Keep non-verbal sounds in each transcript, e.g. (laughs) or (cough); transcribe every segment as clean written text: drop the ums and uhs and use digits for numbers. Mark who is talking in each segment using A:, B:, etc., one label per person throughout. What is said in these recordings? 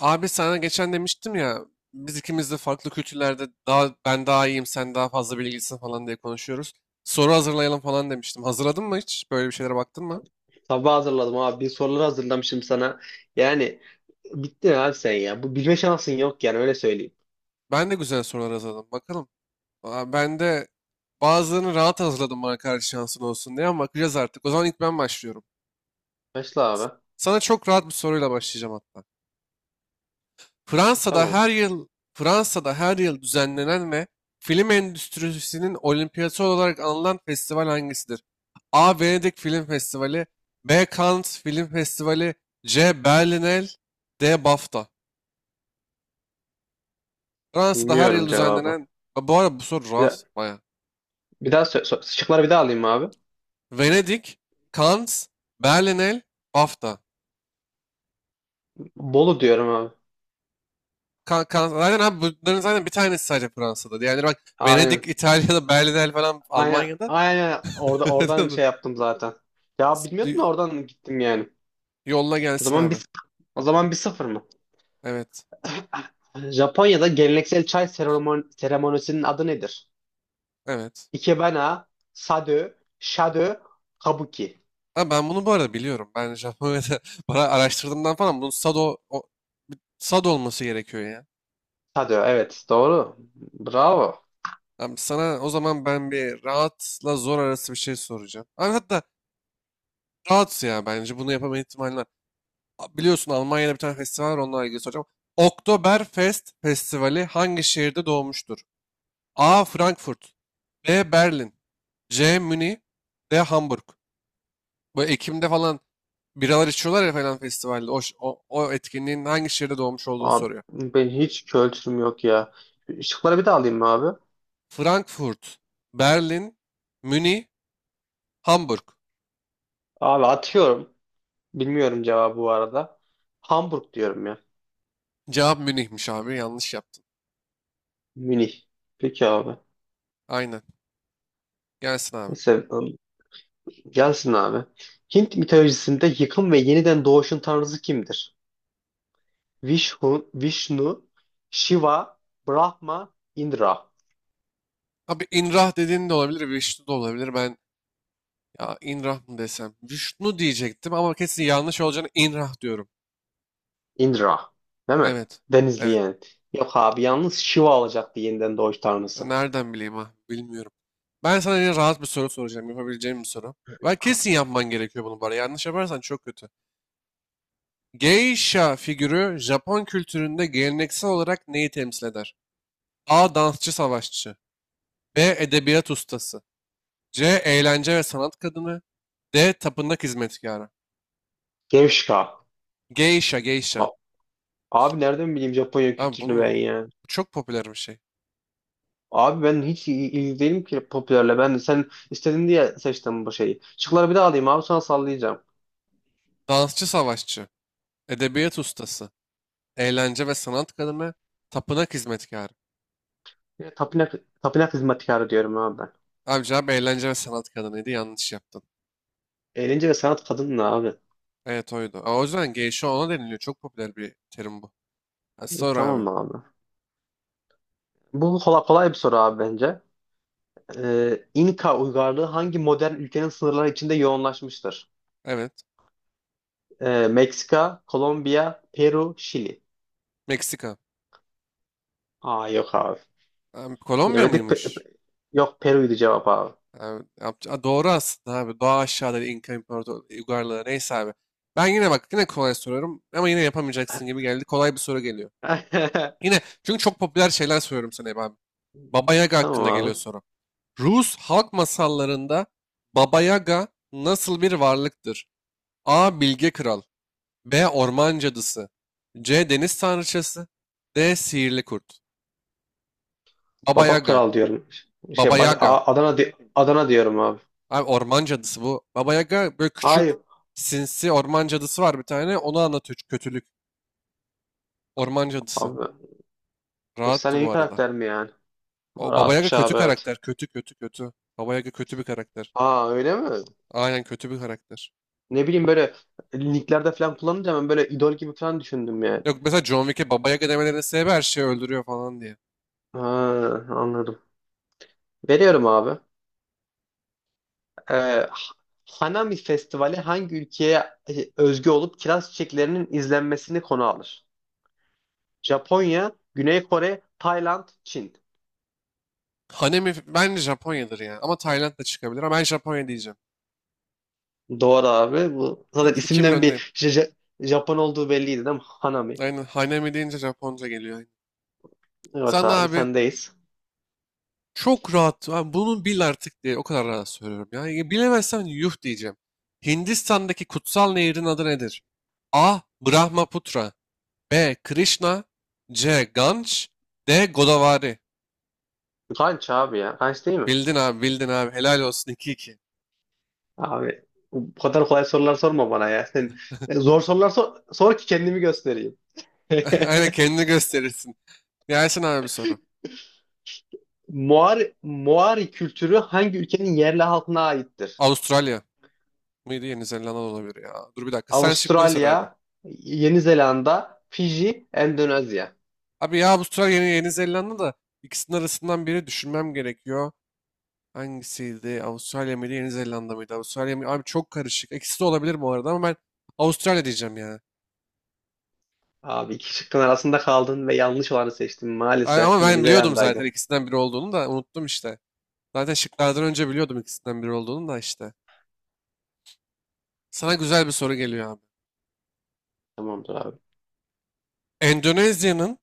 A: Abi sana geçen demiştim ya biz ikimiz de farklı kültürlerde daha ben daha iyiyim sen daha fazla bilgilisin falan diye konuşuyoruz. Soru hazırlayalım falan demiştim. Hazırladın mı hiç? Böyle bir şeylere baktın mı?
B: Sabah hazırladım abi. Bir sorular hazırlamışım sana. Yani bittin abi sen ya. Bu bilme şansın yok yani öyle söyleyeyim.
A: Ben de güzel sorular hazırladım. Bakalım. Ben de bazılarını rahat hazırladım bana karşı şansın olsun diye ama bakacağız artık. O zaman ilk ben başlıyorum.
B: Başla
A: S-
B: abi.
A: Sana çok rahat bir soruyla başlayacağım hatta. Fransa'da
B: Tamam.
A: her yıl Fransa'da her yıl düzenlenen ve film endüstrisinin olimpiyatı olarak anılan festival hangisidir? A. Venedik Film Festivali. B. Cannes Film Festivali. C. Berlinale. D. BAFTA. Fransa'da her
B: Bilmiyorum
A: yıl
B: cevabı.
A: düzenlenen. Ha, bu arada bu soru
B: Bir, daha-
A: rahat baya.
B: bir daha şıkları bir daha alayım abi.
A: Venedik, Cannes, Berlinale, BAFTA.
B: Bolu diyorum abi.
A: Zaten abi bunların zaten bir tanesi sadece Fransa'da. Yani bak Venedik,
B: Aynen.
A: İtalya'da, Berlinale falan
B: Aynen.
A: Almanya'da.
B: Aynen. Oradan şey yaptım zaten. Ya bilmiyordum
A: (laughs)
B: da oradan gittim yani.
A: Yolla
B: O
A: gelsin
B: zaman
A: abi.
B: bir o zaman 1-0 mı?
A: Evet.
B: (laughs) Japonya'da geleneksel çay seremonisinin adı nedir?
A: Evet.
B: Ikebana, Sado, Shado, Kabuki.
A: Ha, ben bunu bu arada biliyorum. Ben Japonya'da (laughs) para araştırdığımdan falan bunun Sado olması gerekiyor ya.
B: Hadi evet doğru. Bravo.
A: Abi sana o zaman ben bir rahatla zor arası bir şey soracağım. Abi hatta rahat ya bence bunu yapama ihtimali var. Biliyorsun Almanya'da bir tane festival var onunla ilgili soracağım. Oktoberfest Festivali hangi şehirde doğmuştur? A. Frankfurt. B. Berlin. C. Münih. D. Hamburg. Bu Ekim'de falan biralar içiyorlar ya falan festivalde. O etkinliğin hangi şehirde doğmuş olduğunu
B: Abi,
A: soruyor.
B: ben hiç kültürüm yok ya. Şıkları bir daha alayım mı abi?
A: Frankfurt, Berlin, Münih, Hamburg.
B: Abi atıyorum. Bilmiyorum cevabı bu arada. Hamburg diyorum ya.
A: Cevap Münih'miş abi. Yanlış yaptın.
B: Münih. Peki abi.
A: Aynen. Gelsin abi.
B: Neyse gelsin abi. Hint mitolojisinde yıkım ve yeniden doğuşun tanrısı kimdir? Vishnu, Shiva, Brahma, Indra.
A: Abi İnrah dediğin de olabilir, Vişnu da olabilir. Ben ya İnrah mı desem? Vişnu diyecektim ama kesin yanlış olacağını İnrah diyorum.
B: Indra. Değil mi?
A: Evet.
B: Denizli
A: Evet.
B: yani. Yok abi yalnız Shiva olacaktı yeniden doğuş tanrısı.
A: Nereden bileyim ha? Bilmiyorum. Ben sana yine rahat bir soru soracağım. Yapabileceğim bir soru. Ben kesin yapman gerekiyor bunu bari. Yanlış yaparsan çok kötü. Geisha figürü Japon kültüründe geleneksel olarak neyi temsil eder? A. Dansçı savaşçı. B. Edebiyat ustası. C. Eğlence ve sanat kadını. D. Tapınak hizmetkarı.
B: Gevşka.
A: Geisha.
B: Abi nereden bileyim Japonya
A: Lan
B: kültürünü ben
A: bunu
B: ya?
A: çok popüler bir şey.
B: Abi ben hiç ilgili değilim ki popülerle. Ben de sen istedin diye seçtim bu şeyi. Şıkları bir daha alayım abi sonra sallayacağım.
A: Dansçı savaşçı. Edebiyat ustası. Eğlence ve sanat kadını. Tapınak hizmetkarı.
B: Ya, tapınak hizmetkarı diyorum abi ben.
A: Abi cevap eğlence ve sanat kadınıydı. Yanlış yaptın.
B: Eğlence ve sanat kadın ne abi?
A: Evet oydu. O yüzden geisha ona deniliyor. Çok popüler bir terim bu. Ha, sor
B: Tamam
A: abi.
B: mı abi? Bu kolay bir soru abi bence. İnka uygarlığı hangi modern ülkenin sınırları içinde yoğunlaşmıştır?
A: Evet.
B: Meksika, Kolombiya, Peru, Şili.
A: Meksika.
B: Aa yok abi.
A: Kolombiya
B: Yemedi. Pe-
A: mıymış?
B: pe- yok Peru'ydu cevap abi.
A: Ha, doğru aslında abi. Doğa aşağıda İnka İmparator uygarlığı neyse abi. Ben yine bak yine kolay soruyorum ama yine yapamayacaksın gibi geldi. Kolay bir soru geliyor.
B: (laughs)
A: Yine çünkü çok popüler şeyler soruyorum sana hep abi. Baba Yaga
B: Tamam
A: hakkında geliyor
B: abi.
A: soru. Rus halk masallarında Baba Yaga nasıl bir varlıktır? A. Bilge Kral. B. Orman Cadısı. C. Deniz Tanrıçası. D. Sihirli Kurt. Baba
B: Baba
A: Yaga
B: Kral diyorum.
A: Baba
B: Şey
A: Yaga
B: Adana diyorum abi.
A: Abi orman cadısı bu. Baba Yaga böyle küçük
B: Hayır
A: sinsi orman cadısı var bir tane. Onu anlatıyor çünkü kötülük. Orman cadısı.
B: abi.
A: Rahattı
B: Efsanevi
A: bu arada.
B: karakter mi yani?
A: O Baba Yaga
B: Rahatmış
A: kötü
B: abi evet.
A: karakter. Kötü kötü kötü. Baba Yaga kötü bir karakter.
B: Aa öyle mi?
A: Aynen kötü bir karakter.
B: Ne bileyim böyle linklerde falan kullanınca ben böyle idol gibi falan düşündüm yani.
A: Yok mesela John Wick'e Baba Yaga demelerinin sebebi her şeyi öldürüyor falan diye.
B: Ha, anladım. Veriyorum abi. Ee, Hanami Festivali hangi ülkeye özgü olup kiraz çiçeklerinin izlenmesini konu alır? Japonya, Güney Kore, Tayland, Çin.
A: Bence Japonya'dır ya. Ama Tayland da çıkabilir ama ben Japonya diyeceğim.
B: Doğru abi. Bu zaten
A: İki bir
B: isimden
A: öndeyim.
B: bir Japon olduğu belliydi değil mi? Hanami.
A: Aynen Hanemi deyince Japonca geliyor.
B: Evet
A: Sen
B: abi
A: abi
B: sendeyiz.
A: çok rahat. Ha, bunun bil artık diye o kadar rahat söylüyorum. Ya bilemezsen yuh diyeceğim. Hindistan'daki kutsal nehrin adı nedir? A. Brahmaputra. B. Krishna. C. Ganj. D. Godavari.
B: Kanç abi ya. Kanç değil mi?
A: Bildin abi bildin abi. Helal olsun 2-2.
B: Abi bu kadar kolay sorular sorma bana ya. Sen zor sorular sor ki kendimi göstereyim.
A: (laughs) Aynen
B: (laughs)
A: kendini gösterirsin. Gelsin abi bir soru.
B: Moari kültürü hangi ülkenin yerli halkına aittir?
A: Avustralya mıydı? Yeni Zelanda da olabilir ya. Dur bir dakika. Sen şıkları sor abi.
B: Avustralya, Yeni Zelanda, Fiji, Endonezya.
A: Abi ya Avustralya Yeni Zelanda da ikisinin arasından biri düşünmem gerekiyor. Hangisiydi? Avustralya mıydı? Yeni Zelanda mıydı? Avustralya mı? Abi çok karışık. İkisi de olabilir bu arada ama ben Avustralya diyeceğim ya.
B: Abi iki şıkkın arasında kaldın ve yanlış olanı seçtin. Maalesef
A: Ama
B: Yeni
A: ben biliyordum zaten
B: Zelanda'ydı.
A: ikisinden biri olduğunu da unuttum işte. Zaten şıklardan önce biliyordum ikisinden biri olduğunu da işte. Sana güzel bir soru geliyor abi.
B: Tamamdır abi.
A: Endonezya'nın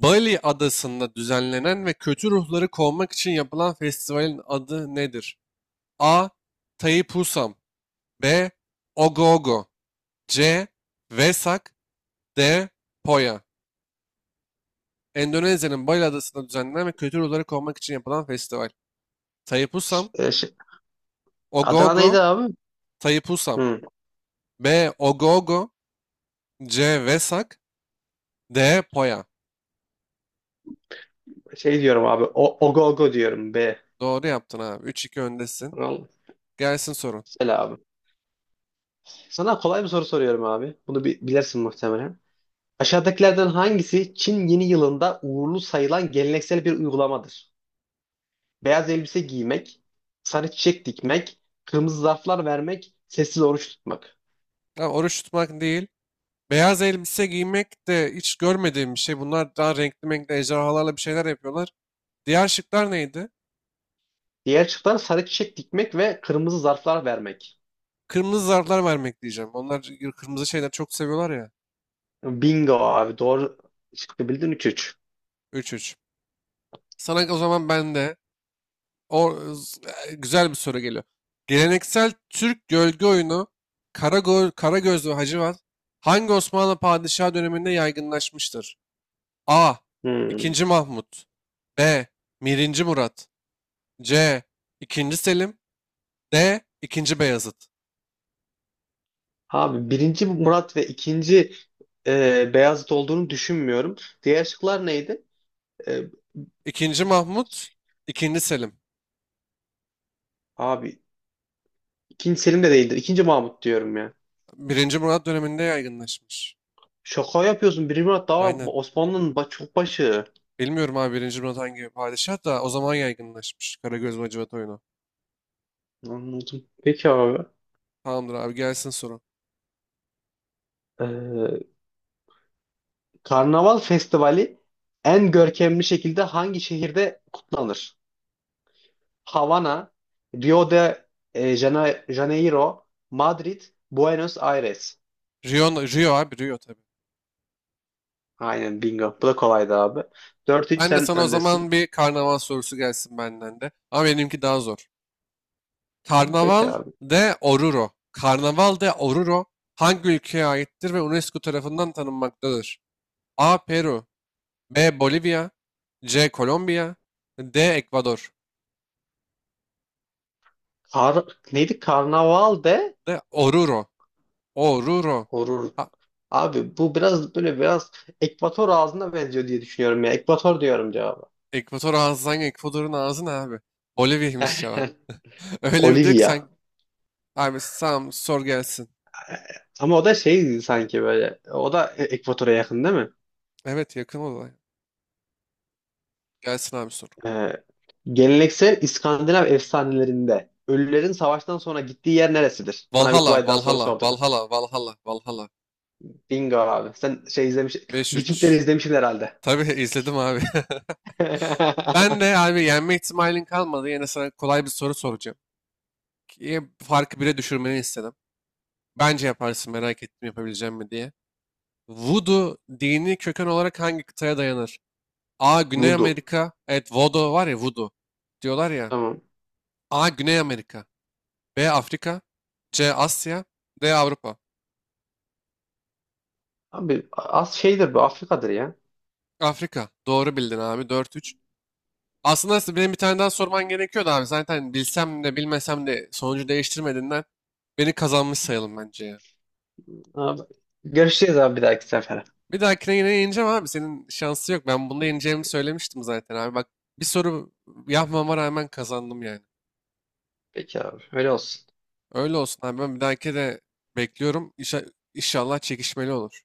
A: Bali adasında düzenlenen ve kötü ruhları kovmak için yapılan festivalin adı nedir? A. Tai Pusam. B. Ogogo. C. Vesak. D. Poya. Endonezya'nın Bali Adası'nda düzenlenen ve kültür olarak korumak için yapılan festival. Taipusam,
B: E, Adana neydi
A: Ogogo,
B: abi?
A: Taipusam.
B: Hı.
A: B. Ogogo. C. Vesak. D. Poya.
B: Şey diyorum abi. O, ogo ogo diyorum B.
A: Doğru yaptın abi. Üç iki öndesin.
B: Tamam.
A: Gelsin sorun.
B: Güzel abi. Sana kolay bir soru soruyorum abi. Bunu bilirsin muhtemelen. Aşağıdakilerden hangisi Çin yeni yılında uğurlu sayılan geleneksel bir uygulamadır? Beyaz elbise giymek, sarı çiçek dikmek, kırmızı zarflar vermek, sessiz oruç tutmak.
A: Ya oruç tutmak değil. Beyaz elbise giymek de hiç görmediğim bir şey. Bunlar daha renkli renkli ejderhalarla bir şeyler yapıyorlar. Diğer şıklar neydi?
B: Diğer şıklar sarı çiçek dikmek ve kırmızı zarflar vermek.
A: Kırmızı zarflar vermek diyeceğim. Onlar kırmızı şeyler çok seviyorlar ya.
B: Bingo abi. Doğru şıkkı bildin 3-3.
A: Üç üç. Sana o zaman ben de O güzel bir soru geliyor. Geleneksel Türk gölge oyunu Karagöz ve Hacivat hangi Osmanlı padişahı döneminde yaygınlaşmıştır? A. 2. Mahmut. B. Birinci Murat. C. 2. Selim. D. 2. Beyazıt.
B: Abi birinci Murat ve ikinci Beyazıt olduğunu düşünmüyorum. Diğer şıklar neydi? E,
A: 2. Mahmut. 2. Selim.
B: abi ikinci Selim de değildir. İkinci Mahmut diyorum ya.
A: Birinci Murat döneminde yaygınlaşmış.
B: Şaka yapıyorsun. Birinci Murat daha
A: Aynen.
B: Osmanlı'nın çok başı.
A: Bilmiyorum abi Birinci Murat hangi padişah da o zaman yaygınlaşmış Karagöz ve Hacivat oyunu.
B: Anladım. Peki abi.
A: Tamamdır abi gelsin soru.
B: E, Karnaval Festivali en görkemli şekilde hangi şehirde kutlanır? Havana, Rio de Janeiro, Madrid, Buenos Aires.
A: Rio tabii.
B: Aynen bingo. Bu da kolaydı abi. 4-3
A: Ben de
B: sen
A: sana o
B: öndesin.
A: zaman bir karnaval sorusu gelsin benden de. Ama benimki daha zor.
B: Peki
A: Karnaval
B: abi.
A: Karnaval de Oruro hangi ülkeye aittir ve UNESCO tarafından tanınmaktadır? A. Peru. B. Bolivya. C. Kolombiya. D. Ekvador.
B: Neydi? Karnaval de
A: D. Oruro.
B: horur.
A: Ha,
B: Abi bu biraz böyle biraz Ekvator ağzına benziyor diye düşünüyorum ya. Ekvator diyorum cevabı.
A: Ekvator ağzı hangi? Ekvador'un ağzı ne abi? Bolivya'ymış cevap.
B: (laughs)
A: (laughs) Öyle bir diyor ki sen...
B: Olivia.
A: Abi tamam sor gelsin.
B: Ama o da şey sanki böyle. O da Ekvator'a yakın değil mi?
A: Evet yakın olay. Gelsin abi sor.
B: Ee, geleneksel İskandinav efsanelerinde ölülerin savaştan sonra gittiği yer neresidir? Sana bir kolay daha soru sorduk.
A: Valhalla.
B: Bingo abi. Sen şey
A: Beş
B: Vikingleri
A: üç.
B: izlemişsin herhalde.
A: Tabii izledim abi. (laughs) Ben de
B: (laughs)
A: abi yenme ihtimalin kalmadı. Yine sana kolay bir soru soracağım. Ki farkı bire düşürmeni istedim. Bence yaparsın merak ettim yapabileceğim mi diye. Voodoo dini köken olarak hangi kıtaya dayanır? A. Güney
B: Voodoo.
A: Amerika. Evet Voodoo var ya Voodoo. Diyorlar ya.
B: Tamam.
A: A. Güney Amerika. B. Afrika. C. Asya. D. Avrupa.
B: Abi az şeydir bu Afrika'dır ya.
A: Afrika. Doğru bildin abi. Dört üç. Aslında benim bir tane daha sorman gerekiyordu abi. Zaten bilsem de bilmesem de sonucu değiştirmediğinden beni kazanmış sayalım bence ya.
B: Abi, görüşeceğiz abi bir dahaki sefere.
A: Bir dahakine yine yeneceğim abi. Senin şansı yok. Ben bunda yeneceğimi söylemiştim zaten abi. Bak bir soru yapmama rağmen kazandım yani.
B: Peki abi öyle olsun.
A: Öyle olsun abi. Ben bir dahaki de bekliyorum. İnşallah çekişmeli olur.